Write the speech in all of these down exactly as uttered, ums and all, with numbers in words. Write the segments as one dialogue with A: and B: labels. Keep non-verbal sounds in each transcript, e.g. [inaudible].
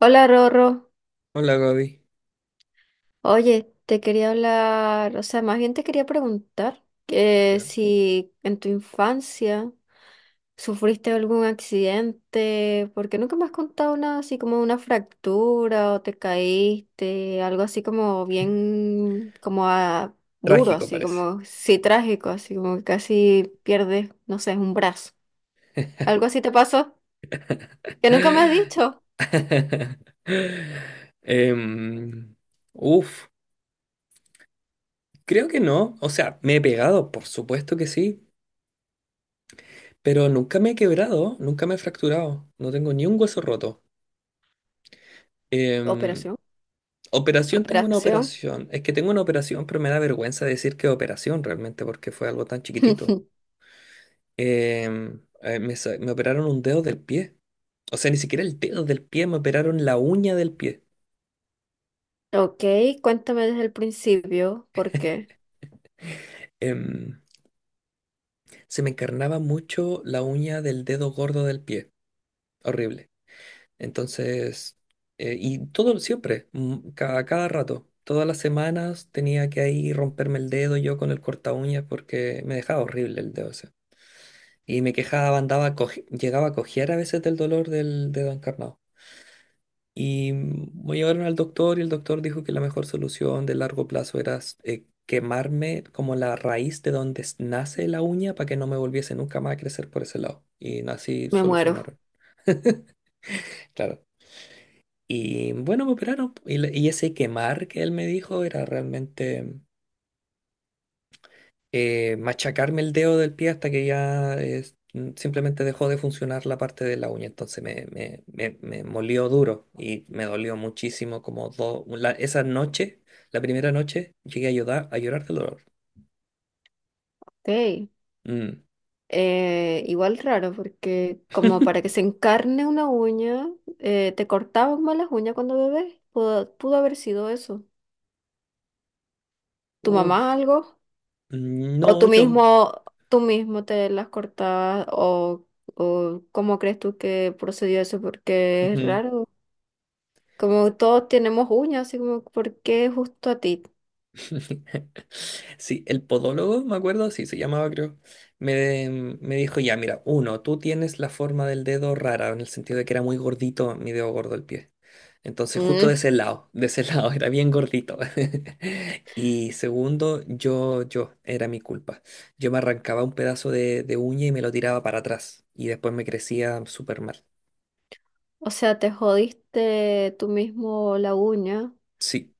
A: Hola Rorro,
B: Hola Gaby.
A: oye, te quería hablar, o sea, más bien te quería preguntar que
B: Ya.
A: si en tu infancia sufriste algún accidente, porque nunca me has contado nada así como una fractura o te caíste, algo así como bien, como a- duro,
B: Trágico
A: así
B: parece.
A: como, sí, trágico, así como que casi pierdes, no sé, un brazo. ¿Algo así te pasó? Que nunca me has dicho.
B: [laughs] Em, uf, creo que no. O sea, me he pegado, por supuesto que sí, pero nunca me he quebrado, nunca me he fracturado. No tengo ni un hueso roto. Em,
A: Operación,
B: Operación, tengo una
A: operación.
B: operación. Es que tengo una operación, pero me da vergüenza decir que operación realmente, porque fue algo tan chiquitito.
A: [laughs]
B: Em, eh, me, sa- me operaron un dedo del pie. O sea, ni siquiera el dedo del pie, me operaron la uña del pie.
A: Ok, cuéntame desde el principio porque
B: Em, Se me encarnaba mucho la uña del dedo gordo del pie. Horrible. Entonces, eh, y todo siempre, mm, cada, cada rato, todas las semanas tenía que ahí romperme el dedo yo con el corta uñas porque me dejaba horrible el dedo ese. Y me quejaba, andaba, coje- llegaba a cojear a veces del dolor del dedo encarnado. Y mm, me llevaron al doctor y el doctor dijo que la mejor solución de largo plazo era s- eh, quemarme como la raíz de donde s- nace la uña para que no me volviese nunca más a crecer por ese lado. Y no, así
A: me muero.
B: solucionaron, claro. Y bueno, me operaron. Y, le- y ese quemar que él me dijo era realmente... eh, machacarme el dedo del pie hasta que ya es- mm, simplemente dejó de funcionar la parte de la uña. Entonces me, me, me, me molió duro y me dolió muchísimo como dos... esa noche, la primera noche, llegué a llorar, a llorar del dolor.
A: Ok,
B: Mm.
A: eh, igual raro porque como para que se
B: [laughs]
A: encarne una uña, eh, te cortaban mal las uñas cuando bebés. Pudo, pudo haber sido eso. ¿Tu mamá
B: Uf.
A: algo? ¿O
B: No,
A: tú
B: yo...
A: mismo, tú mismo te las cortabas? ¿O, o cómo crees tú que procedió eso? Porque es
B: ujú.
A: raro. Como todos tenemos uñas, así como, ¿por qué justo a ti?
B: [laughs] Sí, el podólogo, me acuerdo, sí, se llamaba, creo. Me, mm, me dijo, ya, mira, uno, tú tienes la forma del dedo rara, en el sentido de que era muy gordito, mi dedo gordo el pie. Entonces, justo de ese
A: Mm.
B: lado, de ese [laughs] lado, era bien gordito. [laughs] Y segundo, yo, yo, era mi culpa. Yo me arrancaba un pedazo de, de uña y me lo tiraba para atrás. Y después me crecía súper mal.
A: O sea, te jodiste tú mismo la uña.
B: Sí.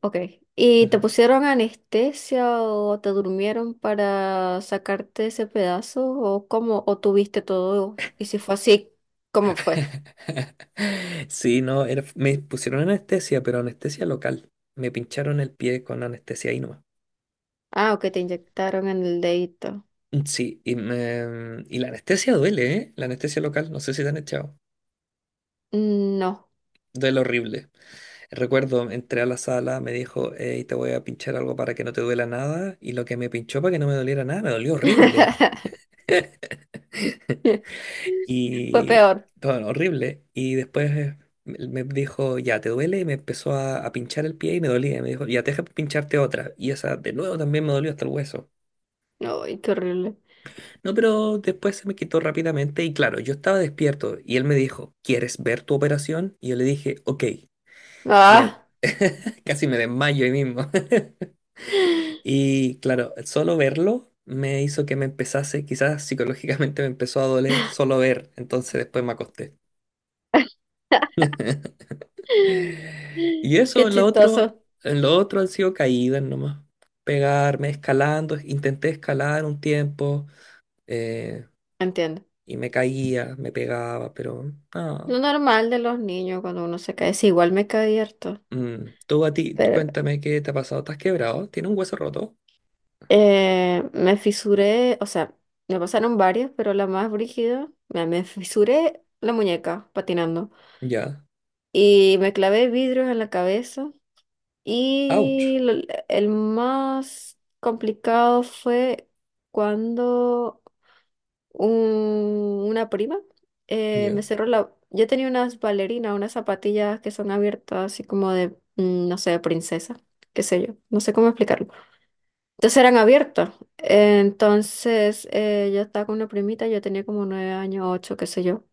A: Ok. ¿Y te pusieron anestesia o te durmieron para sacarte ese pedazo? ¿O cómo? ¿O tuviste todo? Y si fue así, ¿cómo fue?
B: [laughs] Sí, no, era- me pusieron anestesia, pero anestesia local. Me pincharon el pie con anestesia ahí nomás.
A: Ah, ok, te inyectaron en el dedito.
B: Mm, sí, y, me- y la anestesia duele, ¿eh? La anestesia local, no sé si te han echado.
A: Mm. No.
B: Duele horrible. Recuerdo, entré a la sala, me dijo, hey, te voy a pinchar algo para que no te duela nada. Y lo que me pinchó para que no me doliera nada, me dolió horrible.
A: [laughs] Fue
B: Y
A: peor.
B: todo horrible. Y después eh, me me dijo, ya, ¿te duele? Y me empezó a, a pinchar el pie y me dolía. Y me dijo, ya, deja pincharte otra. Y esa de nuevo también me dolió hasta el hueso.
A: Ay, qué horrible.
B: No, pero después se me quitó rápidamente y claro, yo estaba despierto. Y él me dijo, ¿quieres ver tu operación? Y yo le dije, ok. Y eh,
A: Ah.
B: [laughs] casi me desmayo ahí mismo. [laughs] Y claro, solo verlo me hizo que me empezase, quizás psicológicamente me empezó a doler solo ver. Entonces después me acosté. [laughs] Y eso,
A: Qué
B: en lo otro,
A: chistoso.
B: en lo otro han sido caídas nomás. Pegarme, escalando, intenté escalar un tiempo eh,
A: Entiendo.
B: y me caía, me pegaba, pero no.
A: Lo normal de los niños cuando uno se cae. Sí, igual me caí harto.
B: Mm, tú a ti, tú cuéntame qué te ha pasado. ¿Estás quebrado? ¿Tienes un hueso roto?
A: Eh, me fisuré, o sea, me pasaron varias, pero la más brígida, me, me fisuré la muñeca patinando
B: Ya.
A: y me clavé vidrios en la cabeza
B: Ouch.
A: y lo- el más complicado fue cuando un- una prima eh,
B: Ya,
A: me cerró la... Yo tenía unas bailarinas, unas zapatillas que son abiertas así como de, mm, no sé, princesa, qué sé yo, no sé cómo explicarlo. Entonces eran abiertos. Entonces eh, yo estaba con una primita, yo tenía como nueve años, ocho, qué sé yo.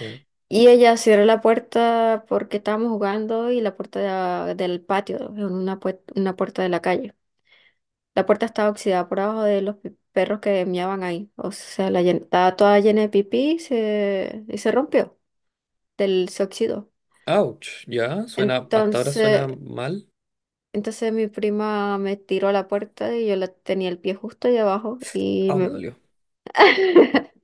B: ya.
A: Y ella cerró la puerta porque estábamos jugando y la puerta de- del patio, en una, pue- una puerta de la calle. La puerta estaba oxidada por abajo de los pi- perros que miaban ahí. O sea, la llen- estaba toda llena de pipí y se, y se rompió, del, se oxidó.
B: Ouch. Ya. Suena, hasta ahora suena
A: Entonces,
B: mal.
A: entonces mi prima me tiró a la puerta y yo la tenía el pie justo ahí abajo y
B: Au, me
A: me...
B: dolió.
A: [laughs]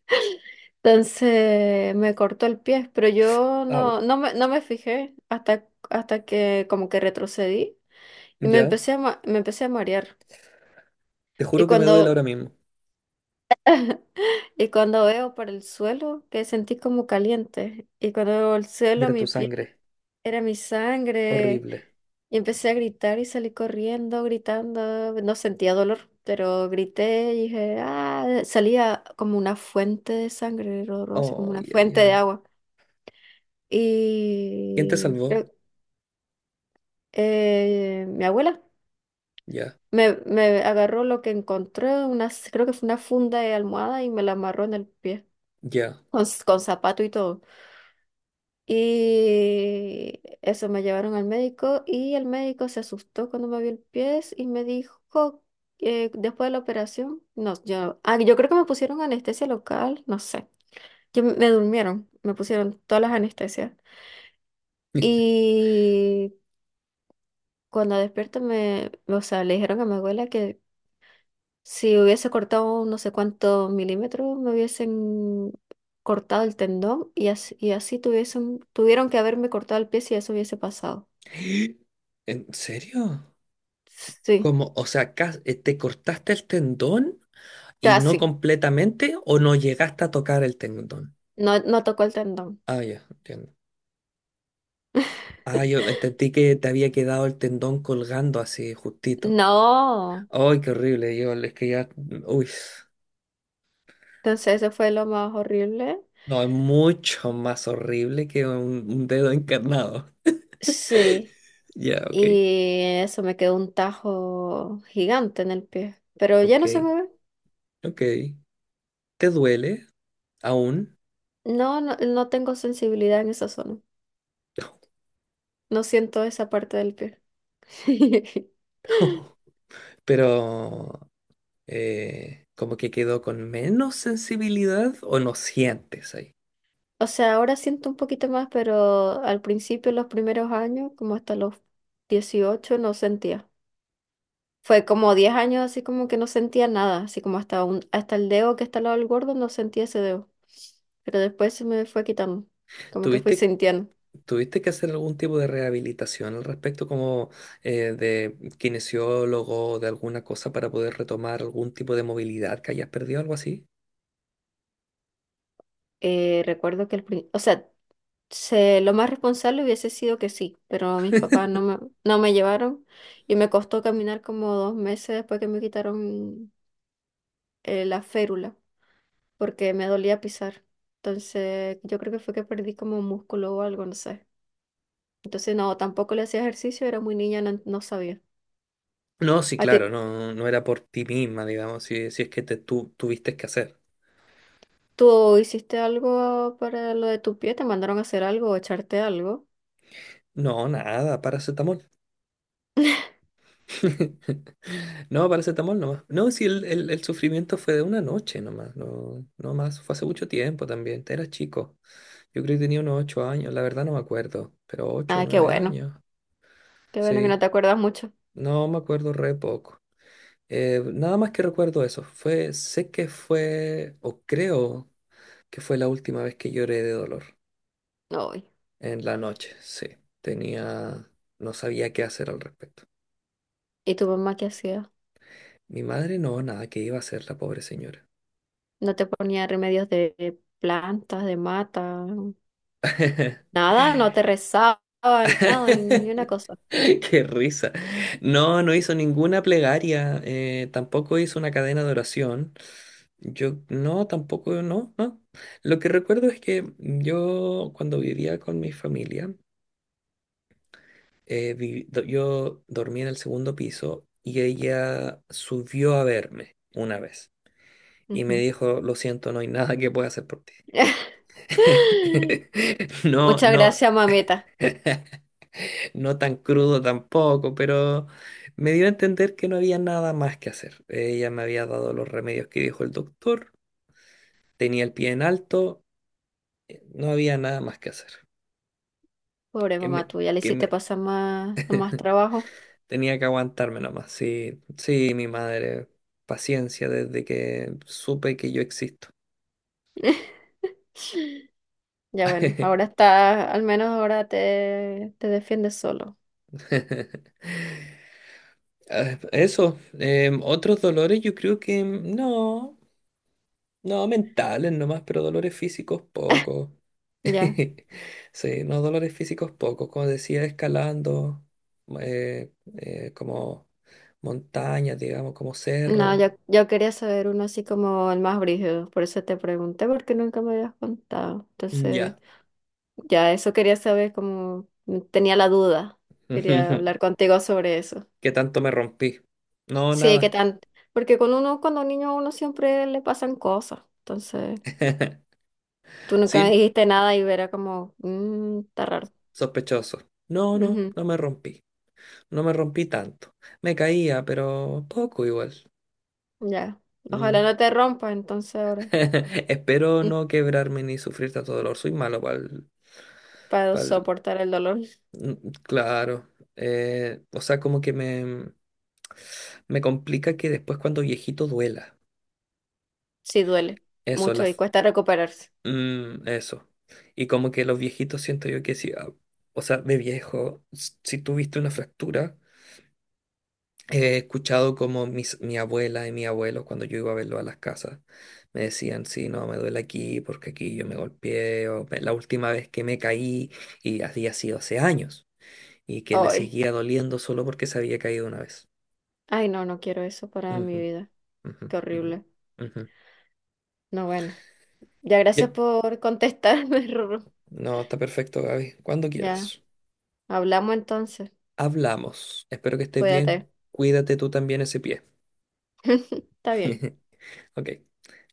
A: Entonces me cortó el pie, pero yo
B: Au.
A: no, no me, no me fijé hasta, hasta que como que retrocedí y me
B: Ya.
A: empecé a, ma- me empecé a marear.
B: Te
A: Y
B: juro que me duele
A: cuando,
B: ahora mismo.
A: y cuando veo para el suelo, que sentí como caliente. Y cuando veo el
B: Y
A: suelo,
B: era
A: mi
B: tu
A: pie
B: sangre.
A: era mi sangre.
B: Horrible.
A: Y empecé a gritar y salí corriendo, gritando. No sentía dolor, pero grité y dije, ah, salía como una fuente de sangre, Rorro, así como
B: Ay,
A: una
B: ay,
A: fuente de
B: ay.
A: agua.
B: ¿Quién te
A: Y
B: salvó?
A: creo- eh, mi abuela
B: Ya.
A: me, me agarró lo que encontré, unas, creo que fue una funda de almohada y me la amarró en el pie,
B: Ya.
A: con, s- con zapato y todo. Y eso me llevaron al médico y el médico se asustó cuando me vio el pie y me dijo que después de la operación, no, yo, ah, yo creo que me pusieron anestesia local, no sé, que me me durmieron, me pusieron todas las anestesias.
B: [laughs]
A: Y cuando despierto me, o sea, le dijeron a mi abuela que si hubiese cortado un no sé cuántos milímetros, me hubiesen cortado el tendón y así, y así tuviesen, tuvieron que haberme cortado el pie si eso hubiese pasado.
B: ¿En serio?
A: Sí,
B: ¿Cómo? O sea, cas- eh, ¿te cortaste el tendón y no
A: casi.
B: completamente o no llegaste a tocar el tendón?
A: No, no tocó el tendón.
B: Ah, ya, entiendo. Ah, yo entendí que te había quedado el tendón colgando así justito.
A: No.
B: Ay, qué horrible, yo es que ya, uy,
A: Entonces eso fue lo más horrible.
B: no, es mucho más horrible que un, un dedo encarnado.
A: Sí.
B: Ya, ok,
A: Y eso me quedó un tajo gigante en el pie. Pero ya
B: ok,
A: no se me ve.
B: ok. ¿Te duele aún?
A: No, no, no tengo sensibilidad en esa zona. No siento esa parte del pie. [laughs]
B: [laughs] Pero eh, como que quedó con menos sensibilidad o no sientes ahí.
A: O sea, ahora siento un poquito más, pero al principio, los primeros años, como hasta los dieciocho, no sentía. Fue como diez años así como que no sentía nada, así como hasta un, hasta el dedo que está al lado del gordo no sentía ese dedo. Pero después se me fue quitando, como que fui
B: ¿Tuviste,
A: sintiendo.
B: ¿tuviste que hacer algún tipo de rehabilitación al respecto, como eh, de kinesiólogo o de alguna cosa para poder retomar algún tipo de movilidad que hayas perdido, algo así?
A: Eh, recuerdo que el, prin- o sea, se- lo más responsable hubiese sido que sí, pero mis papás no me, no me llevaron y me costó caminar como dos meses después que me quitaron eh, la férula, porque me dolía pisar. Entonces, yo creo que fue que perdí como músculo o algo, no sé. Entonces, no, tampoco le hacía ejercicio, era muy niña, no, no sabía.
B: No, sí,
A: ¿A ti
B: claro, no, no era por ti misma, digamos, si, si es que te, tú tuviste que hacer.
A: tú hiciste algo para lo de tu pie? ¿Te mandaron a hacer algo o echarte algo?
B: No, nada, paracetamol. [laughs] No, paracetamol nomás. No, si el, el, el sufrimiento fue de una noche nomás, no, no más, fue hace mucho tiempo también, era chico. Yo creo que tenía unos ocho años, la verdad no me acuerdo, pero ocho,
A: Ah, qué
B: nueve
A: bueno,
B: años,
A: qué bueno que no
B: sí,
A: te acuerdas mucho.
B: no me acuerdo re poco. Eh, nada más que recuerdo eso, fue, sé que fue, o creo que fue la última vez que lloré de dolor,
A: Ay.
B: en la noche, sí, tenía, no sabía qué hacer al respecto.
A: ¿Y tu mamá qué hacía?
B: Mi madre no, nada, ¿que iba a hacer la pobre señora?
A: ¿No te ponía remedios de plantas, de mata?
B: [laughs]
A: Nada, no te rezaba, nada, ni una
B: [laughs]
A: cosa.
B: Qué risa. No, no hizo ninguna plegaria, eh, tampoco hizo una cadena de oración. Yo no, tampoco, no, no. Lo que recuerdo es que yo cuando vivía con mi familia, eh, vi- do- yo dormía en el segundo piso y ella subió a verme una vez y me
A: Ujú.
B: dijo, lo siento, no hay nada que pueda hacer por ti.
A: [laughs]
B: [laughs] No,
A: Muchas
B: no,
A: gracias, mamita.
B: no tan crudo tampoco, pero me dio a entender que no había nada más que hacer. Ella me había dado los remedios que dijo el doctor, tenía el pie en alto, eh, no había nada más que hacer.
A: Pobre
B: Que me,
A: mamá tuya, le
B: que
A: hiciste
B: me
A: pasar más, más trabajo.
B: tenía que aguantarme nomás. Sí, sí, mi madre, paciencia desde que supe que yo existo.
A: [laughs] Ya bueno, ahora está, al menos ahora te, te defiendes solo.
B: [laughs] Ah, eso, em, otros dolores yo creo que mm, no, no mentales nomás, pero dolores físicos poco.
A: Ya,
B: [laughs] Sí, no, dolores físicos pocos, como decía, escalando, eh, eh, como montañas, digamos, como
A: no,
B: cerros.
A: yo, yo quería saber uno así como el más brígido, por eso te pregunté, porque nunca me habías contado. Entonces,
B: Ya.
A: ya eso quería saber, como tenía la duda, quería hablar
B: [laughs]
A: contigo sobre eso.
B: ¿Qué tanto me rompí? No,
A: Sí, qué
B: nada.
A: tan, porque con uno, cuando un niño a uno siempre le pasan cosas, entonces
B: [laughs]
A: tú nunca me
B: Sin
A: dijiste nada y era como, "Mm, está raro".
B: sospechoso. No, no,
A: Ujú.
B: no me rompí. No me rompí tanto. Me caía, pero poco igual.
A: Ya. Ojalá
B: Mm.
A: no te rompa entonces ahora.
B: [laughs] Espero
A: Mm,
B: no quebrarme ni sufrir tanto dolor. Soy malo para
A: para
B: el
A: soportar el dolor.
B: mm, claro, eh, o sea, como que me, me complica que después cuando viejito duela.
A: Sí duele
B: Eso, la,
A: mucho y
B: f-
A: cuesta recuperarse.
B: mm, eso. Y como que los viejitos siento yo que sí, ah, o sea, de viejo, s- si tuviste una fractura, he escuchado como mis, mi abuela y mi abuelo cuando yo iba a verlo a las casas, me decían, sí, no, me duele aquí porque aquí yo me golpeé, o "Me- la última vez que me caí y había sido hace años, y que le
A: Ay.
B: seguía doliendo solo porque se había caído una vez".
A: Ay, no, no quiero eso para
B: Ujú,
A: mi vida.
B: ujú,
A: Qué
B: ujú,
A: horrible.
B: ujú.
A: No, bueno. Ya, gracias
B: Ya.
A: por contestarme, [laughs] Rorro.
B: No, está perfecto, Gaby. Cuando
A: Ya.
B: quieras.
A: Hablamos entonces.
B: Hablamos. Espero que estés bien.
A: Cuídate.
B: Cuídate tú también ese pie.
A: [laughs] Está bien.
B: [laughs] Ok.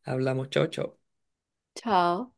B: Hablamos. Chao, chao.
A: Chao.